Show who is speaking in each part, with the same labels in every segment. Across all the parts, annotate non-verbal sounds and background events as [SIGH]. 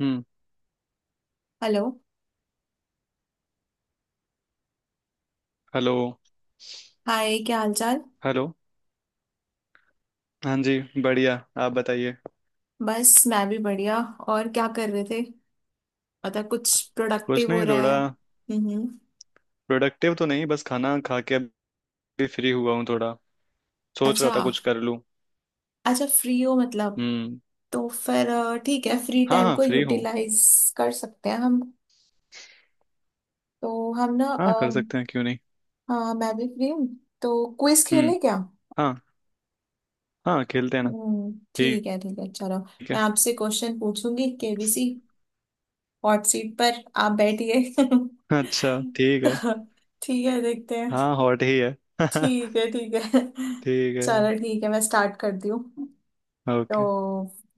Speaker 1: हम्म।
Speaker 2: Hello.
Speaker 1: Hello.
Speaker 2: Hi, क्या हालचाल।
Speaker 1: Hello. हाँ जी, बढ़िया। आप बताइए।
Speaker 2: बस मैं भी बढ़िया। और क्या कर रहे थे? मतलब कुछ
Speaker 1: कुछ
Speaker 2: प्रोडक्टिव हो
Speaker 1: नहीं,
Speaker 2: रहा
Speaker 1: थोड़ा
Speaker 2: है? हम्म।
Speaker 1: प्रोडक्टिव तो नहीं, बस खाना खा के अभी फ्री हुआ हूँ। थोड़ा सोच रहा
Speaker 2: अच्छा।
Speaker 1: था कुछ कर लूँ।
Speaker 2: अच्छा, फ्री हो मतलब।
Speaker 1: हम्म।
Speaker 2: तो फिर ठीक है, फ्री
Speaker 1: हाँ
Speaker 2: टाइम
Speaker 1: हाँ,
Speaker 2: को
Speaker 1: फ्री हूँ।
Speaker 2: यूटिलाइज कर सकते हैं हम। तो हम ना
Speaker 1: हाँ, कर सकते हैं, क्यों नहीं।
Speaker 2: हाँ, मैं भी फ्री हूँ। तो क्विज
Speaker 1: हम्म।
Speaker 2: खेलें क्या?
Speaker 1: हाँ हाँ, खेलते हैं ना।
Speaker 2: हम्म,
Speaker 1: ठीक
Speaker 2: ठीक है चलो। मैं
Speaker 1: है,
Speaker 2: आपसे क्वेश्चन पूछूंगी, केबीसी हॉट सीट पर आप बैठिए [LAUGHS]
Speaker 1: अच्छा ठीक है।
Speaker 2: तो ठीक है, देखते हैं।
Speaker 1: हाँ, हॉट ही है। [LAUGHS]
Speaker 2: ठीक है ठीक है।
Speaker 1: ठीक है।
Speaker 2: चलो ठीक है, मैं स्टार्ट करती हूँ। तो
Speaker 1: ओके।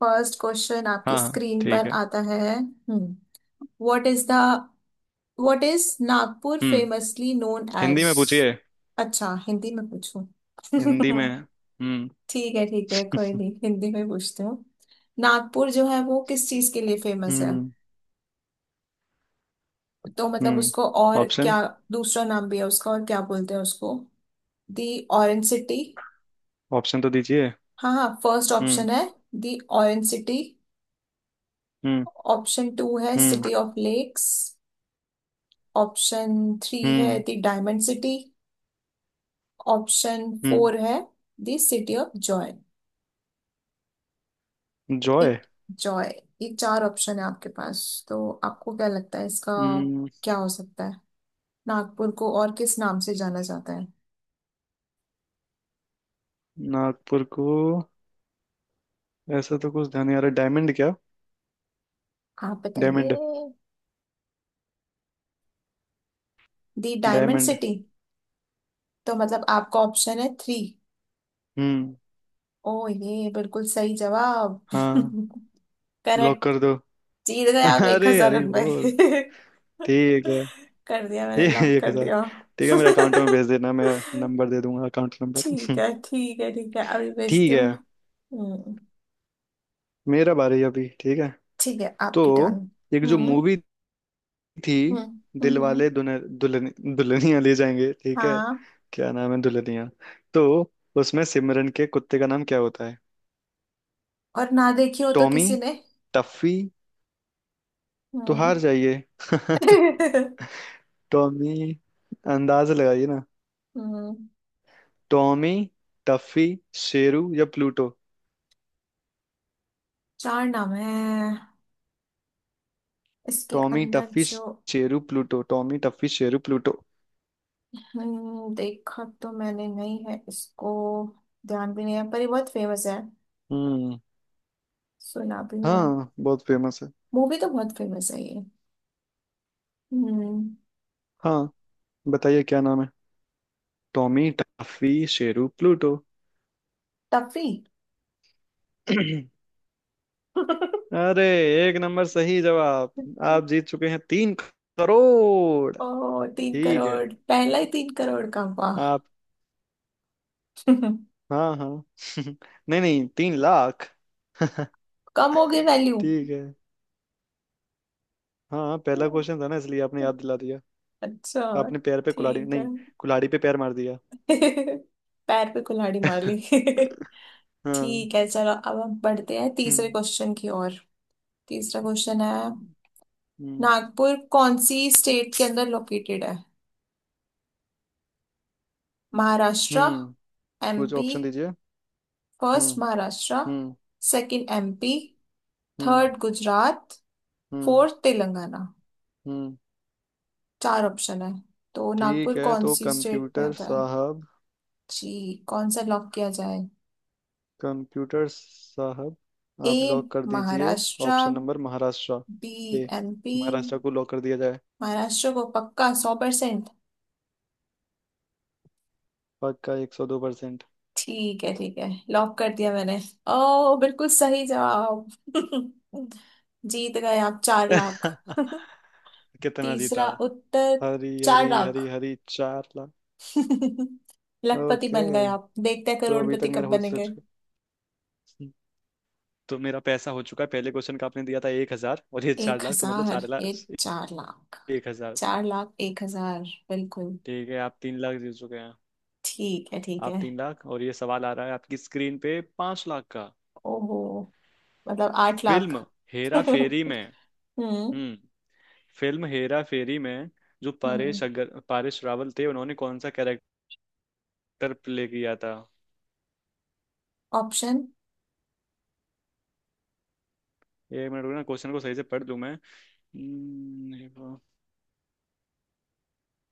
Speaker 2: फर्स्ट क्वेश्चन आपकी
Speaker 1: हाँ हाँ
Speaker 2: स्क्रीन
Speaker 1: ठीक
Speaker 2: पर
Speaker 1: है।
Speaker 2: आता है। Hmm. What is the what is Nagpur
Speaker 1: hmm,
Speaker 2: famously known
Speaker 1: Hindi
Speaker 2: as.
Speaker 1: में पूछिए।
Speaker 2: अच्छा, हिंदी में पूछूं?
Speaker 1: हिंदी
Speaker 2: [LAUGHS]
Speaker 1: में। हम्म।
Speaker 2: ठीक है ठीक है, कोई नहीं, हिंदी में पूछती हूँ। नागपुर जो है वो किस चीज के लिए फेमस है?
Speaker 1: हम्म।
Speaker 2: तो मतलब
Speaker 1: हम्म।
Speaker 2: उसको और
Speaker 1: ऑप्शन।
Speaker 2: क्या, दूसरा नाम भी है उसका, और क्या बोलते हैं उसको? The orange city.
Speaker 1: ऑप्शन तो दीजिए।
Speaker 2: हाँ हाँ, फर्स्ट
Speaker 1: हम्म।
Speaker 2: ऑप्शन है the orange city.
Speaker 1: Hmm.
Speaker 2: Option two है
Speaker 1: hmm.
Speaker 2: City of lakes. Option three है
Speaker 1: hmm.
Speaker 2: The diamond city. Option
Speaker 1: hmm.
Speaker 2: Four है the city of joy.
Speaker 1: Joy.
Speaker 2: एक joy. ये चार ऑप्शन है आपके पास। तो आपको क्या लगता है इसका
Speaker 1: हम्म।
Speaker 2: क्या हो सकता है? नागपुर को और किस नाम से जाना जाता है?
Speaker 1: नागपुर को, ऐसा तो कुछ ध्यान नहीं आ रहा। डायमंड क्या?
Speaker 2: आप बताइए।
Speaker 1: Diamond.
Speaker 2: The diamond
Speaker 1: diamond.
Speaker 2: City? तो मतलब आपका ऑप्शन है थ्री।
Speaker 1: हम्म।
Speaker 2: ओ, ये बिल्कुल सही जवाब [LAUGHS]
Speaker 1: हाँ, लॉक
Speaker 2: करेक्ट।
Speaker 1: कर दो।
Speaker 2: जीत गए
Speaker 1: [LAUGHS]
Speaker 2: आप एक
Speaker 1: अरे
Speaker 2: हजार
Speaker 1: अरे
Speaker 2: रुपए
Speaker 1: बोल,
Speaker 2: [LAUGHS]
Speaker 1: ठीक है।
Speaker 2: कर दिया, मैंने
Speaker 1: ए,
Speaker 2: लॉक
Speaker 1: एक
Speaker 2: कर
Speaker 1: हजार
Speaker 2: दिया।
Speaker 1: ठीक है, मेरे अकाउंट में
Speaker 2: [LAUGHS]
Speaker 1: भेज देना, मैं नंबर दे दूंगा, अकाउंट नंबर।
Speaker 2: ठीक
Speaker 1: [LAUGHS]
Speaker 2: है ठीक है ठीक है, अभी भेजती
Speaker 1: ठीक
Speaker 2: हूँ।
Speaker 1: है।
Speaker 2: हम्म।
Speaker 1: मेरा बारी अभी, ठीक है।
Speaker 2: ठीक है,
Speaker 1: तो
Speaker 2: आपकी टर्न।
Speaker 1: एक जो
Speaker 2: हम्म
Speaker 1: मूवी थी,
Speaker 2: हम्म हम्म हम्म।
Speaker 1: दिलवाले दुल्हन दुल्हन दुल्हनिया ले जाएंगे, ठीक है।
Speaker 2: हाँ।
Speaker 1: क्या नाम है दुल्हनिया, तो उसमें सिमरन के कुत्ते का नाम क्या होता है?
Speaker 2: और ना देखी हो तो
Speaker 1: टॉमी?
Speaker 2: किसी ने।
Speaker 1: टफी? तो
Speaker 2: हम्म।
Speaker 1: हार जाइए। [LAUGHS]
Speaker 2: [LAUGHS]
Speaker 1: टॉमी। अंदाज लगाइए ना।
Speaker 2: हम्म।
Speaker 1: टॉमी, टफी, शेरू या प्लूटो?
Speaker 2: चार नाम है इसके
Speaker 1: टॉमी,
Speaker 2: अंदर
Speaker 1: टफी,
Speaker 2: जो।
Speaker 1: Sheru, Pluto. Tommy, Tuffy, Sheru, Pluto.
Speaker 2: हम्म, देखा तो मैंने नहीं है इसको। ध्यान भी नहीं है, पर ये बहुत फेमस है।
Speaker 1: हम्म।
Speaker 2: सुना भी हुआ है।
Speaker 1: हाँ, बहुत फेमस है।
Speaker 2: मूवी तो बहुत फेमस है ये। हम्म।
Speaker 1: हाँ, बताइए क्या नाम है। Tommy, Tuffy, Sheru, Pluto.
Speaker 2: Tuffy.
Speaker 1: [CLEARS THROAT]
Speaker 2: [LAUGHS]
Speaker 1: अरे, एक नंबर सही जवाब। आप जीत चुके हैं 3 करोड़।
Speaker 2: ओ, तीन
Speaker 1: ठीक है।
Speaker 2: करोड़ पहला ही 3 करोड़ का, वाह।
Speaker 1: आप,
Speaker 2: [LAUGHS]
Speaker 1: हाँ हाँ। [LAUGHS] नहीं नहीं, 3 लाख। [LAUGHS]
Speaker 2: कम हो गई वैल्यू।
Speaker 1: ठीक है। हाँ हाँ, पहला क्वेश्चन था ना, इसलिए आपने याद दिला दिया।
Speaker 2: अच्छा
Speaker 1: आपने पैर पे कुल्हाड़ी
Speaker 2: ठीक है।
Speaker 1: नहीं, कुल्हाड़ी पे पैर मार दिया।
Speaker 2: [LAUGHS] पैर पे कुल्हाड़ी मार ली।
Speaker 1: [LAUGHS]
Speaker 2: [LAUGHS]
Speaker 1: हाँ।
Speaker 2: ठीक है चलो, अब हम बढ़ते हैं तीसरे
Speaker 1: हम्म।
Speaker 2: क्वेश्चन की ओर। तीसरा क्वेश्चन है,
Speaker 1: हम्म।
Speaker 2: नागपुर कौन सी स्टेट के अंदर लोकेटेड है? महाराष्ट्र,
Speaker 1: हम्म, कुछ
Speaker 2: एमपी।
Speaker 1: ऑप्शन दीजिए।
Speaker 2: फर्स्ट
Speaker 1: हम्म।
Speaker 2: महाराष्ट्र,
Speaker 1: हम्म।
Speaker 2: सेकंड एमपी,
Speaker 1: हम्म।
Speaker 2: थर्ड गुजरात,
Speaker 1: हम्म।
Speaker 2: फोर्थ तेलंगाना।
Speaker 1: हम्म।
Speaker 2: चार ऑप्शन है। तो
Speaker 1: ठीक
Speaker 2: नागपुर
Speaker 1: है,
Speaker 2: कौन
Speaker 1: तो
Speaker 2: सी स्टेट में
Speaker 1: कंप्यूटर
Speaker 2: आता है?
Speaker 1: साहब,
Speaker 2: जी, कौन सा लॉक किया जाए?
Speaker 1: कंप्यूटर साहब,
Speaker 2: ए
Speaker 1: आप लॉक कर दीजिए।
Speaker 2: Maharashtra,
Speaker 1: option number Maharashtra,
Speaker 2: B
Speaker 1: ए।
Speaker 2: एमपी।
Speaker 1: महाराष्ट्र को लॉक कर दिया जाए।
Speaker 2: महाराष्ट्र को पक्का 100%।
Speaker 1: पक्का 102%।
Speaker 2: ठीक है ठीक है, लॉक कर दिया मैंने। ओ, बिल्कुल सही जवाब [LAUGHS] जीत गए आप 4 लाख।
Speaker 1: [LAUGHS]
Speaker 2: [LAUGHS]
Speaker 1: कितना जीता?
Speaker 2: तीसरा उत्तर,
Speaker 1: हरी
Speaker 2: चार
Speaker 1: हरी हरी
Speaker 2: लाख
Speaker 1: हरी 4 लाख।
Speaker 2: [LAUGHS] लखपति
Speaker 1: ओके,
Speaker 2: बन गए आप, देखते हैं
Speaker 1: तो अभी
Speaker 2: करोड़पति
Speaker 1: तक
Speaker 2: कब
Speaker 1: मेरा हो
Speaker 2: बनेंगे।
Speaker 1: चुका, तो मेरा पैसा हो चुका है। पहले क्वेश्चन का आपने दिया था 1,000 और ये
Speaker 2: एक
Speaker 1: 4 लाख, तो मतलब
Speaker 2: हजार
Speaker 1: 4 लाख
Speaker 2: ये, 4 लाख।
Speaker 1: एक हजार।
Speaker 2: चार लाख 1,000, बिल्कुल।
Speaker 1: ठीक है, आप 3 लाख जीत चुके हैं।
Speaker 2: ठीक है ठीक है।
Speaker 1: आप तीन लाख, और ये सवाल आ रहा है आपकी स्क्रीन पे, 5 लाख का।
Speaker 2: ओहो, मतलब 8 लाख।
Speaker 1: फिल्म
Speaker 2: [LAUGHS]
Speaker 1: हेरा फेरी
Speaker 2: हम्म
Speaker 1: में, हम्म, फिल्म हेरा फेरी में जो
Speaker 2: हम्म।
Speaker 1: परेश, अगर परेश रावल थे, उन्होंने कौन सा कैरेक्टर प्ले किया था?
Speaker 2: ऑप्शन।
Speaker 1: एक मिनट रुकना, क्वेश्चन को सही से पढ़ लूं मैं। हम्म,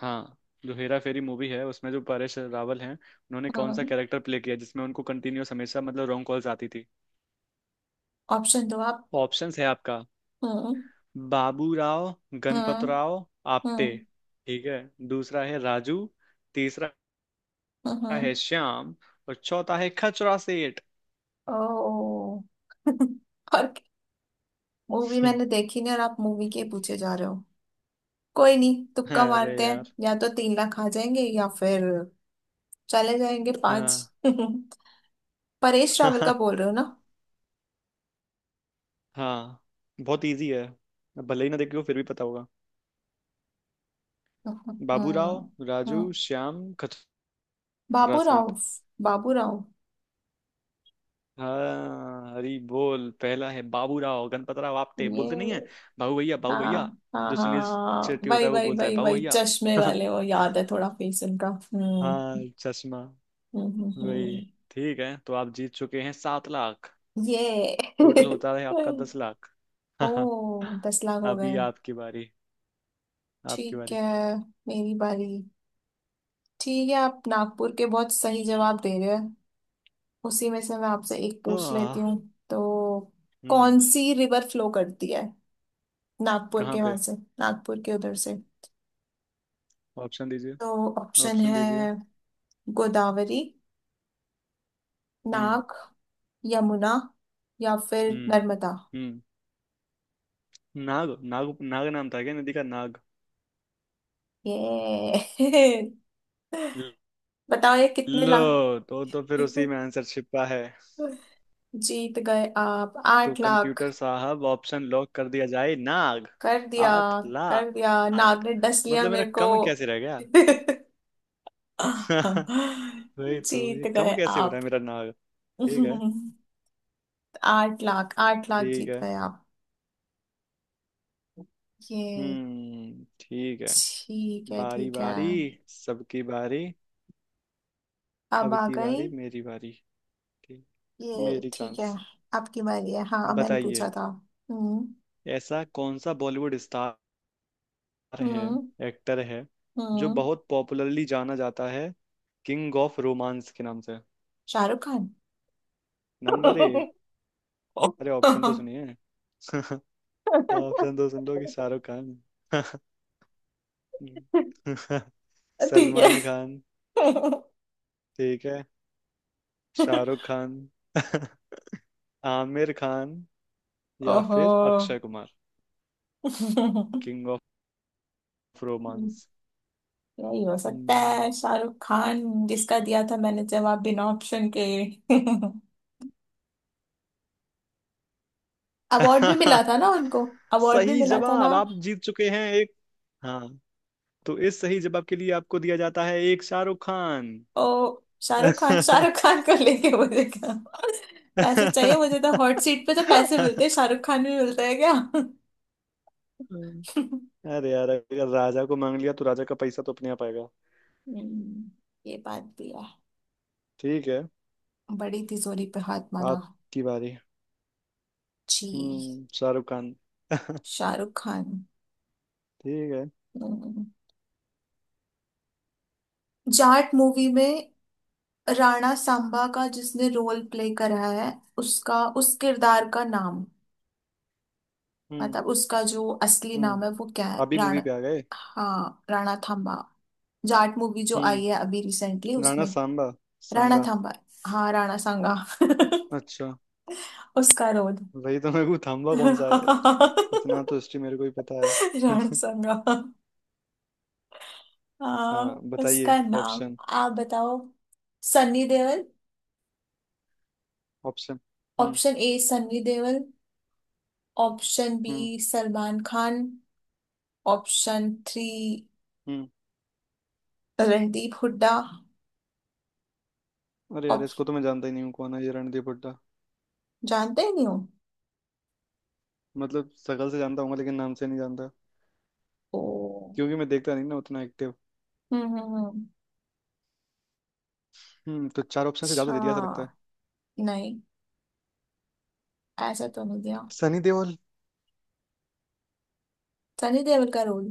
Speaker 1: हाँ, जो हेरा फेरी मूवी है, उसमें जो परेश रावल हैं, उन्होंने कौन सा
Speaker 2: हम्म।
Speaker 1: कैरेक्टर प्ले किया, जिसमें उनको कंटिन्यूअस हमेशा, मतलब, रॉन्ग कॉल्स आती थी?
Speaker 2: ऑप्शन दो आप।
Speaker 1: ऑप्शंस है आपका,
Speaker 2: हम्म
Speaker 1: बाबू राव गणपत
Speaker 2: हम्म
Speaker 1: राव आप्टे,
Speaker 2: हम्म
Speaker 1: ठीक है। दूसरा है राजू। तीसरा
Speaker 2: हम्म।
Speaker 1: है श्याम। और चौथा है खचरा सेठ।
Speaker 2: ओ [LAUGHS] और मूवी मैंने
Speaker 1: [LAUGHS]
Speaker 2: देखी नहीं, और आप मूवी के पूछे जा रहे हो। कोई नहीं, तुक्का
Speaker 1: अरे
Speaker 2: मारते हैं।
Speaker 1: यार।
Speaker 2: या तो 3 लाख आ जाएंगे, या फिर चले जाएंगे पांच।
Speaker 1: हाँ।
Speaker 2: [LAUGHS] परेश रावल का
Speaker 1: [LAUGHS]
Speaker 2: बोल रहे हो ना?
Speaker 1: हाँ, बहुत इजी है। भले ही ना देखे हो, फिर भी पता होगा। बाबू राव,
Speaker 2: हाँ
Speaker 1: राजू,
Speaker 2: हाँ,
Speaker 1: श्याम, खचरा
Speaker 2: बाबूराव,
Speaker 1: सेठ।
Speaker 2: बाबूराव
Speaker 1: हाँ, हरी बोल, पहला है, बाबू राव गणपत राव आपटे।
Speaker 2: ये।
Speaker 1: बोलते नहीं है बाबू भैया, बाबू
Speaker 2: हाँ
Speaker 1: भैया,
Speaker 2: हाँ
Speaker 1: जो सुनील
Speaker 2: हाँ,
Speaker 1: शेट्टी होता
Speaker 2: वही
Speaker 1: है, वो
Speaker 2: वही
Speaker 1: बोलता है
Speaker 2: वही
Speaker 1: बाबू
Speaker 2: वही,
Speaker 1: भैया।
Speaker 2: चश्मे
Speaker 1: [LAUGHS]
Speaker 2: वाले, वो याद है, थोड़ा फेस उनका।
Speaker 1: हाँ, चश्मा
Speaker 2: हम्म हम्म
Speaker 1: वही।
Speaker 2: हम्म।
Speaker 1: ठीक है, तो आप जीत चुके हैं 7 लाख।
Speaker 2: ये
Speaker 1: टोटल
Speaker 2: [LAUGHS]
Speaker 1: होता है आपका 10 लाख।
Speaker 2: ओ,
Speaker 1: [LAUGHS]
Speaker 2: 10 लाख हो
Speaker 1: अभी
Speaker 2: गए।
Speaker 1: आपकी बारी। आपकी
Speaker 2: ठीक
Speaker 1: बारी।
Speaker 2: है, मेरी बारी। ठीक है, आप नागपुर के बहुत सही जवाब दे रहे हैं, उसी में से मैं आपसे एक पूछ लेती
Speaker 1: आह,
Speaker 2: हूँ। तो कौन
Speaker 1: हम्म।
Speaker 2: सी रिवर फ्लो करती है नागपुर
Speaker 1: कहाँ
Speaker 2: के वहां
Speaker 1: पे?
Speaker 2: से, नागपुर के उधर से?
Speaker 1: ऑप्शन दीजिए।
Speaker 2: तो ऑप्शन
Speaker 1: ऑप्शन
Speaker 2: है
Speaker 1: दीजिए।
Speaker 2: गोदावरी,
Speaker 1: हम्म।
Speaker 2: नाग, यमुना, या फिर
Speaker 1: हम्म।
Speaker 2: नर्मदा।
Speaker 1: हम्म। नाग, नाग, नाग नाम था क्या नदी का? नाग,
Speaker 2: ये [LAUGHS] बताओ ये कितने लाख।
Speaker 1: लो, तो फिर उसी
Speaker 2: [LAUGHS]
Speaker 1: में आंसर छिपा है।
Speaker 2: जीत गए आप
Speaker 1: तो
Speaker 2: 8 लाख।
Speaker 1: कंप्यूटर साहब, ऑप्शन लॉक कर दिया जाए, नाग।
Speaker 2: कर दिया,
Speaker 1: आठ
Speaker 2: कर दिया, नाग
Speaker 1: लाख
Speaker 2: ने डस लिया
Speaker 1: मतलब मेरा
Speaker 2: मेरे को।
Speaker 1: कम कैसे रह गया? [LAUGHS]
Speaker 2: [LAUGHS]
Speaker 1: वही तो, ये
Speaker 2: जीत
Speaker 1: कम
Speaker 2: गए
Speaker 1: कैसे हो रहा
Speaker 2: आप।
Speaker 1: है मेरा, नाग। ठीक
Speaker 2: [LAUGHS]
Speaker 1: है।
Speaker 2: 8 लाख, 8 लाख
Speaker 1: ठीक
Speaker 2: जीत
Speaker 1: है।
Speaker 2: गए आप। ये
Speaker 1: हम्म, ठीक है।
Speaker 2: ठीक है
Speaker 1: बारी
Speaker 2: ठीक है।
Speaker 1: बारी सबकी बारी
Speaker 2: अब
Speaker 1: अब
Speaker 2: आ
Speaker 1: की
Speaker 2: गई
Speaker 1: बारी, मेरी बारी। ठीक।
Speaker 2: ये,
Speaker 1: मेरी
Speaker 2: ठीक है।
Speaker 1: चांस।
Speaker 2: आपकी बारी है, हाँ मैंने
Speaker 1: बताइए,
Speaker 2: पूछा था। हम्म
Speaker 1: ऐसा कौन सा बॉलीवुड स्टार है,
Speaker 2: हम्म
Speaker 1: एक्टर है, जो
Speaker 2: हम्म।
Speaker 1: बहुत पॉपुलरली जाना जाता है किंग ऑफ रोमांस के नाम से?
Speaker 2: शाहरुख खान।
Speaker 1: नंबर एक,
Speaker 2: [LAUGHS]
Speaker 1: अरे ऑप्शन तो सुनिए। [LAUGHS] ऑप्शन तो सुन लो कि, शाहरुख खान, [LAUGHS]
Speaker 2: ठीक है।
Speaker 1: सलमान खान, ठीक है, शाहरुख खान, [LAUGHS] आमिर खान, या
Speaker 2: ओहो
Speaker 1: फिर Akshay Kumar.
Speaker 2: [LAUGHS]
Speaker 1: King of romance.
Speaker 2: यही हो सकता
Speaker 1: हम्म।
Speaker 2: है, शाहरुख खान, जिसका दिया था मैंने जवाब बिना ऑप्शन के। [LAUGHS] अवार्ड भी मिला
Speaker 1: [LAUGHS]
Speaker 2: था ना उनको, अवार्ड भी
Speaker 1: सही
Speaker 2: मिला था ना।
Speaker 1: जवाब, आप जीत चुके हैं एक। हाँ, तो इस सही जवाब के लिए आपको दिया जाता है एक शाहरुख खान।
Speaker 2: ओ, शाहरुख खान, शाहरुख
Speaker 1: [LAUGHS]
Speaker 2: खान को लेके मुझे क्या, पैसे चाहिए मुझे, तो हॉट सीट पे तो पैसे मिलते हैं, शाहरुख खान भी मिलता है क्या?
Speaker 1: अरे यार, अगर राजा को मांग लिया तो राजा का पैसा तो अपने आप आएगा।
Speaker 2: हम्म, ये बात भी है,
Speaker 1: ठीक है,
Speaker 2: बड़ी तिजोरी पे हाथ मारा।
Speaker 1: आपकी बारी।
Speaker 2: जी,
Speaker 1: हम्म, शाहरुख खान। [LAUGHS]
Speaker 2: शाहरुख खान।
Speaker 1: ठीक है।
Speaker 2: हम्म, जाट मूवी में राणा सांबा का जिसने रोल प्ले करा है, उसका उस किरदार का नाम,
Speaker 1: हम्म।
Speaker 2: मतलब उसका जो असली नाम
Speaker 1: हम्म,
Speaker 2: है, वो क्या है?
Speaker 1: अभी मूवी
Speaker 2: राणा,
Speaker 1: पे आ गए।
Speaker 2: हाँ, राणा थांबा, जाट मूवी जो
Speaker 1: हम्म।
Speaker 2: आई है अभी रिसेंटली,
Speaker 1: राणा
Speaker 2: उसमें।
Speaker 1: सांबा,
Speaker 2: राणा
Speaker 1: सांगा।
Speaker 2: थांबा, हा राणा सांगा। [LAUGHS]
Speaker 1: अच्छा,
Speaker 2: उसका रोल।
Speaker 1: वही तो, मेरे को थाम्बा
Speaker 2: [LAUGHS]
Speaker 1: कौन सा है,
Speaker 2: राणा
Speaker 1: इतना तो हिस्ट्री मेरे को ही पता है। [LAUGHS]
Speaker 2: सांगा, हाँ।
Speaker 1: हाँ,
Speaker 2: उसका
Speaker 1: बताइए
Speaker 2: नाम
Speaker 1: ऑप्शन।
Speaker 2: आप बताओ। सन्नी देओल।
Speaker 1: ऑप्शन। हम्म।
Speaker 2: Option A Sunny Deol, option B
Speaker 1: हम्म।
Speaker 2: सलमान खान, ऑप्शन थ्री
Speaker 1: हम्म।
Speaker 2: रणदीप हुड्डा।
Speaker 1: अरे यार,
Speaker 2: ऑप
Speaker 1: इसको तो मैं जानता ही नहीं हूँ, कौन है ये रणदीप हुड्डा?
Speaker 2: जानते ही नहीं हो?
Speaker 1: मतलब शकल से जानता हूँ, लेकिन नाम से नहीं जानता,
Speaker 2: ओ।
Speaker 1: क्योंकि मैं देखता नहीं ना उतना एक्टिव।
Speaker 2: हम्म।
Speaker 1: हम्म, तो चार ऑप्शन से ज्यादा
Speaker 2: अच्छा,
Speaker 1: दे दिया ऐसा लगता है।
Speaker 2: नहीं, ऐसा तो नहीं दिया।
Speaker 1: सनी देओल।
Speaker 2: सनी देओल का रोल,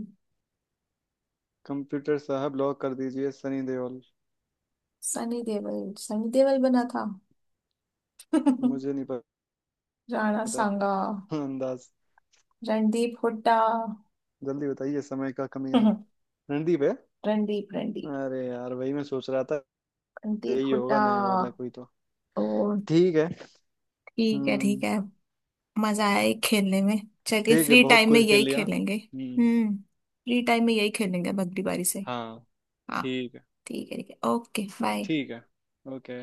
Speaker 1: कंप्यूटर साहब, ब्लॉक कर दीजिए, सनी देओल।
Speaker 2: सनी देओल, सनी देओल बना था। [LAUGHS]
Speaker 1: मुझे नहीं
Speaker 2: राणा
Speaker 1: पता।
Speaker 2: सांगा,
Speaker 1: हाँ, अंदाज।
Speaker 2: रणदीप हुड्डा।
Speaker 1: जल्दी बताइए, समय का कमी है।
Speaker 2: [LAUGHS]
Speaker 1: रणदीप है,
Speaker 2: रणदीप, रणदीप,
Speaker 1: अरे यार वही मैं सोच रहा था,
Speaker 2: रणदीप
Speaker 1: यही
Speaker 2: हुड्डा।
Speaker 1: होगा नया वाला कोई तो।
Speaker 2: ओ
Speaker 1: ठीक है।
Speaker 2: ठीक है ठीक
Speaker 1: हम्म।
Speaker 2: है। मजा आया ये खेलने में। चलिए
Speaker 1: ठीक है,
Speaker 2: फ्री
Speaker 1: बहुत
Speaker 2: टाइम में
Speaker 1: कुछ खेल
Speaker 2: यही
Speaker 1: लिया।
Speaker 2: खेलेंगे,
Speaker 1: हम्म।
Speaker 2: हम्म, फ्री टाइम में यही खेलेंगे भगली बारी से।
Speaker 1: हाँ।
Speaker 2: हाँ,
Speaker 1: ठीक है।
Speaker 2: ठीक है ठीक है, ओके बाय।
Speaker 1: ठीक है। ओके।